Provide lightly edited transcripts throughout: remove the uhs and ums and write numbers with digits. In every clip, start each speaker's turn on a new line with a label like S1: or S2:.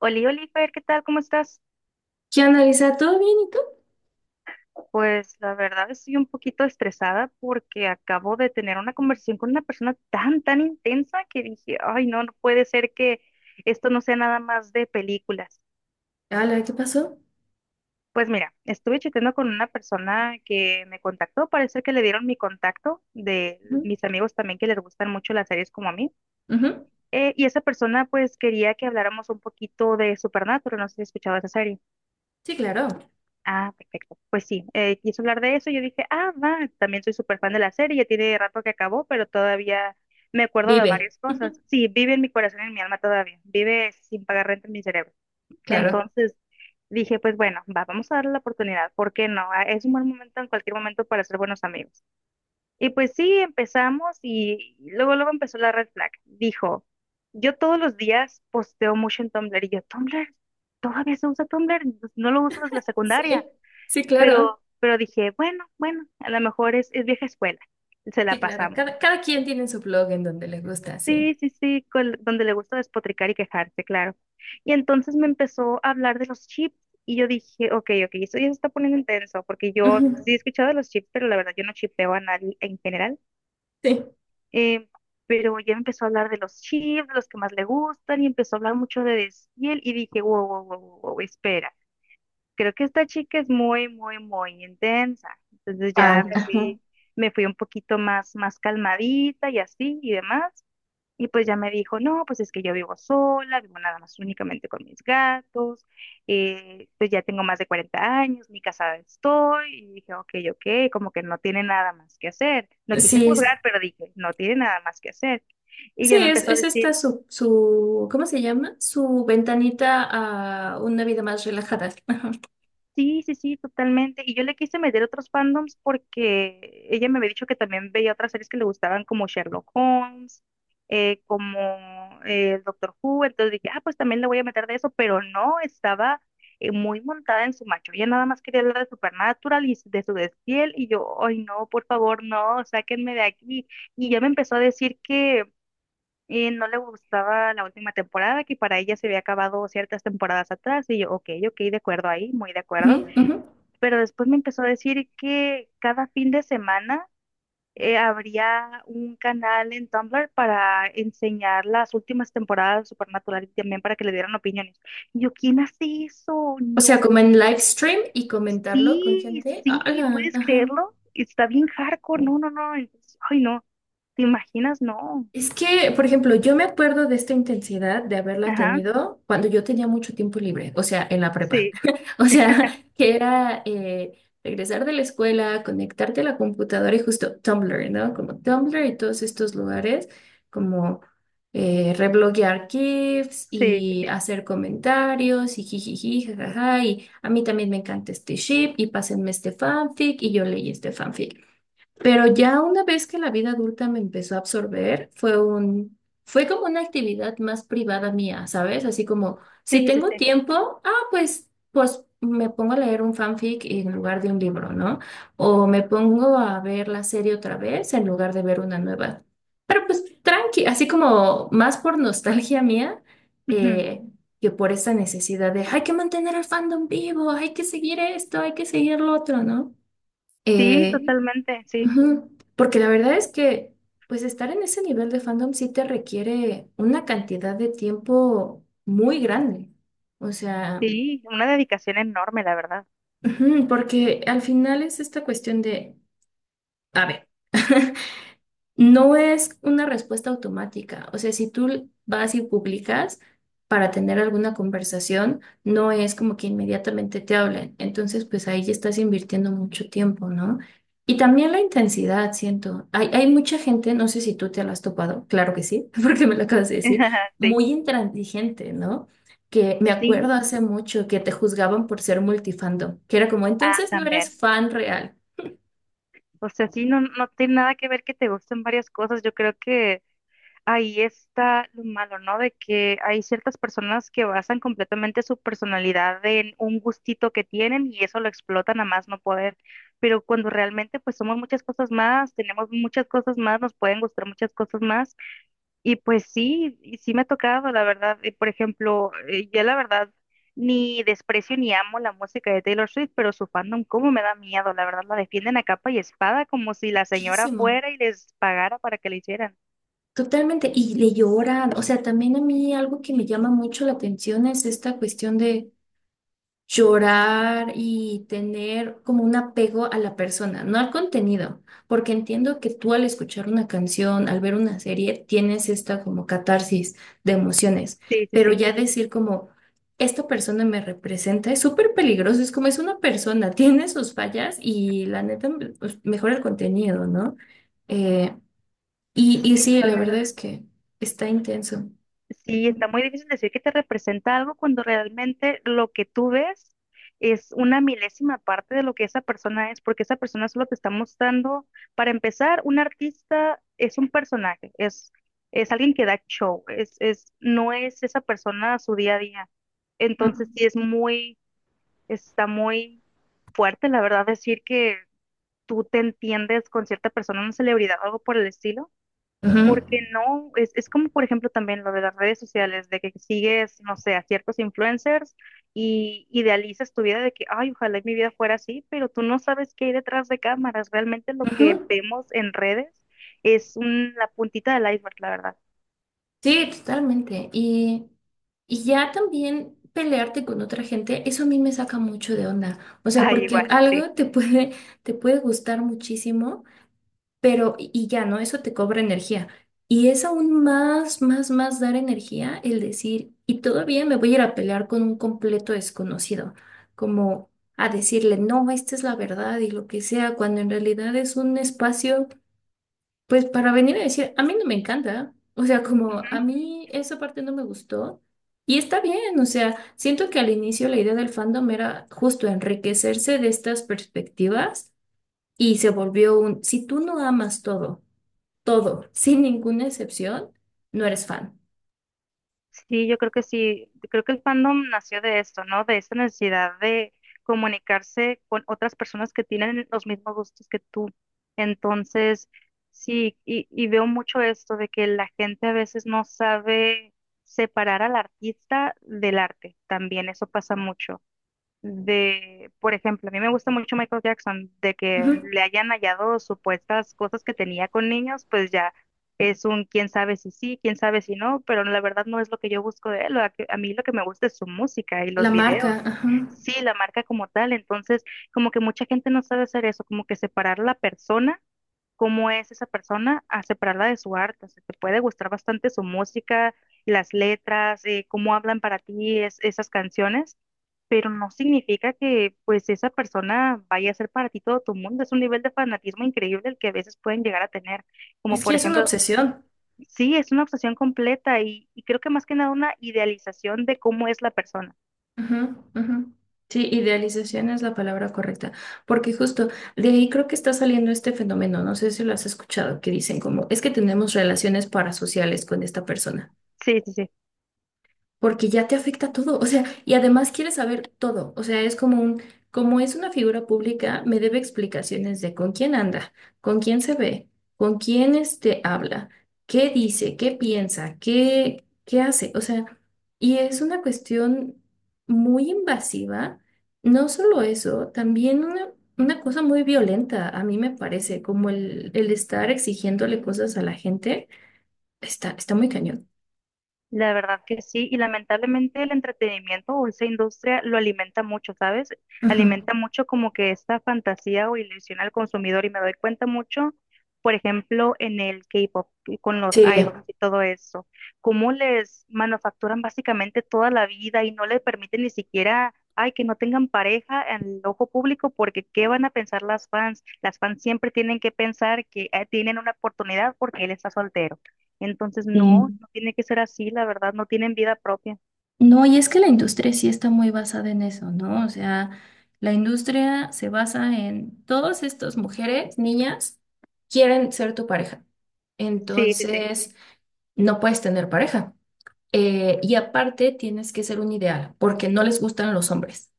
S1: Oli, Oliver, ¿qué tal? ¿Cómo estás?
S2: ¿Qué onda, Lisa? ¿Todo bien y tú?
S1: Pues la verdad estoy un poquito estresada porque acabo de tener una conversación con una persona tan, tan intensa que dije, ay, no, no puede ser que esto no sea nada más de películas.
S2: Hola, ¿qué pasó?
S1: Pues mira, estuve chateando con una persona que me contactó, parece que le dieron mi contacto de
S2: Ujú,
S1: mis amigos también que les gustan mucho las series como a mí.
S2: ujú.
S1: Y esa persona pues quería que habláramos un poquito de Supernatural, no sé si has escuchado esa serie.
S2: Sí, claro.
S1: Ah, perfecto. Pues sí, quiso hablar de eso. Yo dije, ah, va, también soy súper fan de la serie. Ya tiene rato que acabó, pero todavía me acuerdo de
S2: Vive.
S1: varias
S2: Ujú,
S1: cosas. Sí, vive en mi corazón y en mi alma todavía. Vive sin pagar renta en mi cerebro.
S2: claro.
S1: Entonces dije, pues bueno, va, vamos a darle la oportunidad. ¿Por qué no? Ah, es un buen momento en cualquier momento para ser buenos amigos. Y pues sí, empezamos y luego, luego empezó la red flag. Dijo, yo todos los días posteo mucho en Tumblr y yo, Tumblr, todavía se usa Tumblr, no lo uso desde la
S2: Sí,
S1: secundaria
S2: sí, claro.
S1: pero dije, bueno, bueno, a lo mejor es vieja escuela, se
S2: Sí,
S1: la
S2: claro.
S1: pasamos.
S2: Cada quien tiene su blog en donde le gusta, sí.
S1: Sí, sí, sí, donde le gusta despotricar y quejarse, claro. Y entonces me empezó a hablar de los chips y yo dije, ok, ok, esto ya se está poniendo intenso, porque yo
S2: Ujú,
S1: sí he escuchado de los chips, pero la verdad yo no chipeo a nadie en general.
S2: sí.
S1: Eh, pero ya me empezó a hablar de los chips, de los que más le gustan, y empezó a hablar mucho de Desfiel, y dije, wow, wow, wow, wow, wow, espera. Creo que esta chica es muy, muy, muy intensa. Entonces
S2: Ah,
S1: ya
S2: ah, ajá.
S1: me fui un poquito más, más calmadita y así y demás. Y pues ya me dijo, no, pues es que yo vivo sola, vivo nada más únicamente con mis gatos, pues ya tengo más de 40 años, ni casada estoy. Y dije, ok, ok, como que no tiene nada más que hacer. No quise
S2: Sí, es-
S1: juzgar, pero dije, no tiene nada más que hacer. Y
S2: sí,
S1: ya me empezó a
S2: es esta
S1: decir.
S2: ¿cómo se llama? Su ventanita a una vida más relajada. Ajá,
S1: Sí, sí, sí, totalmente. Y yo le quise meter otros fandoms porque ella me había dicho que también veía otras series que le gustaban como Sherlock Holmes, como el Doctor Who. Entonces dije, ah, pues también le voy a meter de eso, pero no, estaba muy montada en su macho. Ella nada más quería hablar de Supernatural y de su desfiel. Y yo, ay, no, por favor, no, sáquenme de aquí. Y ya me empezó a decir que no le gustaba la última temporada, que para ella se había acabado ciertas temporadas atrás. Y yo, ok, ok, de acuerdo ahí, muy de
S2: ujú,
S1: acuerdo
S2: ujú.
S1: pero después me empezó a decir que cada fin de semana habría un canal en Tumblr para enseñar las últimas temporadas de Supernatural y también para que le dieran opiniones. Y yo, ¿quién hace eso?
S2: O
S1: No,
S2: sea, como en live stream y comentarlo con
S1: sí,
S2: gente.
S1: sí,
S2: Hola,
S1: ¿puedes
S2: ajá.
S1: creerlo? Está bien hardcore, no, no, no, entonces, ay, no, ¿te imaginas? No,
S2: Es que, por ejemplo, yo me acuerdo de esta intensidad de haberla
S1: ajá,
S2: tenido cuando yo tenía mucho tiempo libre, o sea, en la prepa.
S1: sí,
S2: O sea, que era regresar de la escuela, conectarte a la computadora y justo Tumblr, ¿no? Como Tumblr y todos estos lugares, como rebloguear GIFs
S1: sí,
S2: y
S1: sí,
S2: hacer comentarios y jijiji, jajaja, y a mí también me encanta este ship y pásenme este fanfic y yo leí este fanfic. Pero ya una vez que la vida adulta me empezó a absorber, fue como una actividad más privada mía, ¿sabes? Así como, si
S1: sí, sí, sí,
S2: tengo
S1: sí,
S2: tiempo, ah, pues, pues me pongo a leer un fanfic en lugar de un libro, ¿no? O me pongo a ver la serie otra vez en lugar de ver una nueva. Pero pues tranqui, así como más por nostalgia mía,
S1: ujú.
S2: eh, que por esa necesidad de, hay que mantener al fandom vivo, hay que seguir esto, hay que seguir lo otro, ¿no?
S1: Sí,
S2: Eh,
S1: totalmente, sí,
S2: ujú, porque la verdad es que, pues estar en ese nivel de fandom sí te requiere una cantidad de tiempo muy grande. O sea,
S1: sí, una dedicación enorme, la verdad,
S2: ujú, porque al final es esta cuestión de, a ver. No es una respuesta automática. O sea, si tú vas y publicas para tener alguna conversación, no es como que inmediatamente te hablen. Entonces, pues ahí ya estás invirtiendo mucho tiempo, ¿no? Y también la intensidad, siento. Hay mucha gente, no sé si tú te la has topado, claro que sí, porque me lo acabas de decir,
S1: sí,
S2: muy intransigente, ¿no? Que me acuerdo
S1: sí,
S2: hace mucho que te juzgaban por ser multifandom, que era como, entonces no eres
S1: también.
S2: fan real.
S1: O sea, sí, no, no tiene nada que ver que te gusten varias cosas. Yo creo que ahí está lo malo, ¿no? De que hay ciertas personas que basan completamente su personalidad en un gustito que tienen y eso lo explotan a más no poder. Pero cuando realmente pues somos muchas cosas más, tenemos muchas cosas más, nos pueden gustar muchas cosas más y pues sí, y sí me ha tocado, la verdad. Y, por ejemplo, yo la verdad ni desprecio ni amo la música de Taylor Swift, pero su fandom, cómo me da miedo, la verdad, la defienden a capa y espada como si la señora
S2: Muchísimo.
S1: fuera y les pagara para que la hicieran.
S2: Totalmente, y le lloran, o sea, también a mí algo que me llama mucho la atención es esta cuestión de llorar y tener como un apego a la persona, no al contenido, porque entiendo que tú al escuchar una canción, al ver una serie, tienes esta como catarsis de emociones,
S1: Sí, sí,
S2: pero
S1: sí.
S2: ya decir como, esta persona me representa, es súper peligroso, es como es una persona, tiene sus fallas y la neta, pues, mejor el contenido, ¿no? Eh, y,
S1: Sí,
S2: y sí, la
S1: totalmente.
S2: verdad es que está intenso.
S1: Sí, está
S2: Ujú,
S1: muy difícil decir que te representa algo cuando realmente lo que tú ves es una milésima parte de lo que esa persona es, porque esa persona solo te está mostrando, para empezar, un artista es un personaje, es alguien que da show, es, no es esa persona a su día a día. Entonces sí es muy, está muy fuerte, la verdad, decir que tú te entiendes con cierta persona, una celebridad o algo por el estilo
S2: ujú,
S1: porque no, es como por ejemplo también lo de las redes sociales, de que sigues, no sé, a ciertos influencers y idealizas tu vida de que, ay, ojalá y mi vida fuera así, pero tú no sabes qué hay detrás de cámaras. Realmente lo que
S2: ujú.
S1: vemos en redes la puntita del iceberg, la verdad.
S2: Sí, totalmente. Y ya también pelearte con otra gente, eso a mí me saca mucho de onda. O sea,
S1: Ay,
S2: porque
S1: igual, sí.
S2: algo te puede gustar muchísimo. Pero, y ya, ¿no? Eso te cobra energía. Y es aún más dar energía el decir, y todavía me voy a ir a pelear con un completo desconocido, como a decirle, no, esta es la verdad y lo que sea, cuando en realidad es un espacio, pues para venir a decir, a mí no me encanta, o sea, como a mí esa parte no me gustó. Y está bien, o sea, siento que al inicio la idea del fandom era justo enriquecerse de estas perspectivas y se volvió un, si tú no amas todo, todo, sin ninguna excepción, no eres fan.
S1: Sí, yo creo que sí, creo que el fandom nació de esto, ¿no? De esta necesidad de comunicarse con otras personas que tienen los mismos gustos que tú. Entonces, sí, y veo mucho esto de que la gente a veces no sabe separar al artista del arte. También eso pasa mucho de, por ejemplo, a mí me gusta mucho Michael Jackson, de que
S2: Ujú.
S1: le hayan hallado supuestas cosas que tenía con niños, pues ya es un quién sabe si sí, quién sabe si no, pero la verdad no es lo que yo busco de él, a mí lo que me gusta es su música y
S2: La
S1: los videos,
S2: marca, ajá.
S1: sí, la marca como tal, entonces como que mucha gente no sabe hacer eso, como que separar la persona cómo es esa persona a separarla de su arte. O sea, te puede gustar bastante su música, las letras, cómo hablan para ti esas canciones, pero no significa que pues esa persona vaya a ser para ti todo tu mundo. Es un nivel de fanatismo increíble el que a veces pueden llegar a tener. Como
S2: Es que
S1: por
S2: es una
S1: ejemplo,
S2: obsesión.
S1: sí, es una obsesión completa y creo que más que nada una idealización de cómo es la persona.
S2: Ajá, ajá. Sí, idealización es la palabra correcta, porque justo de ahí creo que está saliendo este fenómeno, no sé si lo has escuchado, que dicen como, es que tenemos relaciones parasociales con esta persona.
S1: Sí, sí, sí.
S2: Porque ya te afecta todo, o sea, y además quieres saber todo, o sea, es como un, como es una figura pública, me debe explicaciones de con quién anda, con quién se ve, con quién este habla, qué dice, qué piensa, qué hace, o sea, y es una cuestión muy invasiva, no solo eso, también una cosa muy violenta, a mí me parece, como el estar exigiéndole cosas a la gente, está muy cañón.
S1: La verdad que sí, y lamentablemente el entretenimiento o esa industria lo alimenta mucho, ¿sabes?
S2: Ujú.
S1: Alimenta mucho como que esta fantasía o ilusión al consumidor y me doy cuenta mucho, por ejemplo, en el K-pop, y con los
S2: Sí.
S1: idols y todo eso, cómo les manufacturan básicamente toda la vida y no les permiten ni siquiera, ay, que no tengan pareja en el ojo público porque ¿qué van a pensar las fans? Las fans siempre tienen que pensar que tienen una oportunidad porque él está soltero. Entonces, no,
S2: Sí.
S1: no tiene que ser así, la verdad, no tienen vida propia.
S2: No, y es que la industria sí está muy basada en eso, ¿no? O sea, la industria se basa en todas estas mujeres, niñas, quieren ser tu pareja.
S1: Sí, sí, sí,
S2: Entonces, no puedes tener pareja. Y aparte, tienes que ser un ideal, porque no les gustan los hombres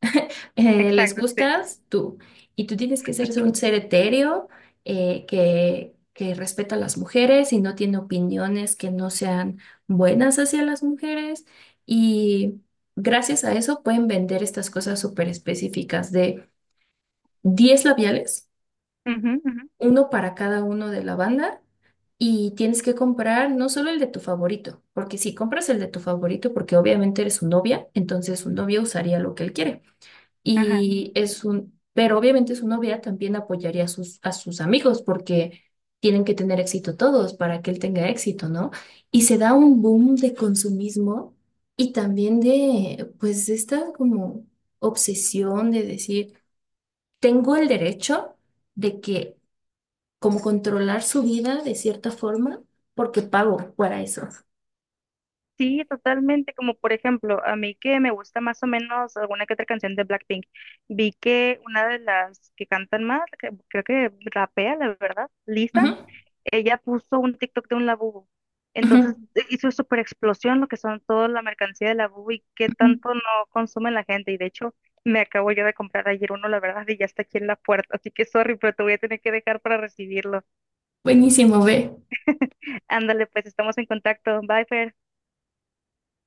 S2: les
S1: exacto, sí.
S2: gustas tú. Y tú tienes que ser un ser etéreo que respeta a las mujeres y no tiene opiniones que no sean buenas hacia las mujeres. Y gracias a eso pueden vender estas cosas súper específicas de 10 labiales,
S1: Ujú, ujú,
S2: uno para cada uno de la banda. Y tienes que comprar no solo el de tu favorito, porque si compras el de tu favorito, porque obviamente eres su novia, entonces su novia usaría lo que él quiere.
S1: ajá.
S2: Y es un, pero obviamente su novia también apoyaría a a sus amigos porque tienen que tener éxito todos para que él tenga éxito, ¿no? Y se da un boom de consumismo y también de, pues, esta como obsesión de decir, tengo el derecho de que, como controlar su vida de cierta forma, porque pago para eso.
S1: Sí, totalmente, como por ejemplo, a mí que me gusta más o menos alguna que otra canción de Blackpink, vi que una de las que cantan más, que creo que rapea, la verdad, Lisa,
S2: Ujú,
S1: ella puso un TikTok de un labubu.
S2: ujú,
S1: Entonces hizo súper explosión lo que son toda la mercancía de labubu y qué
S2: ujú.
S1: tanto no consume la gente. Y de hecho, me acabo yo de comprar ayer uno, la verdad, y ya está aquí en la puerta. Así que sorry, pero te voy a tener que dejar para recibirlo.
S2: Buenísimo, ve.
S1: Ándale, pues estamos en contacto. Bye, Fer.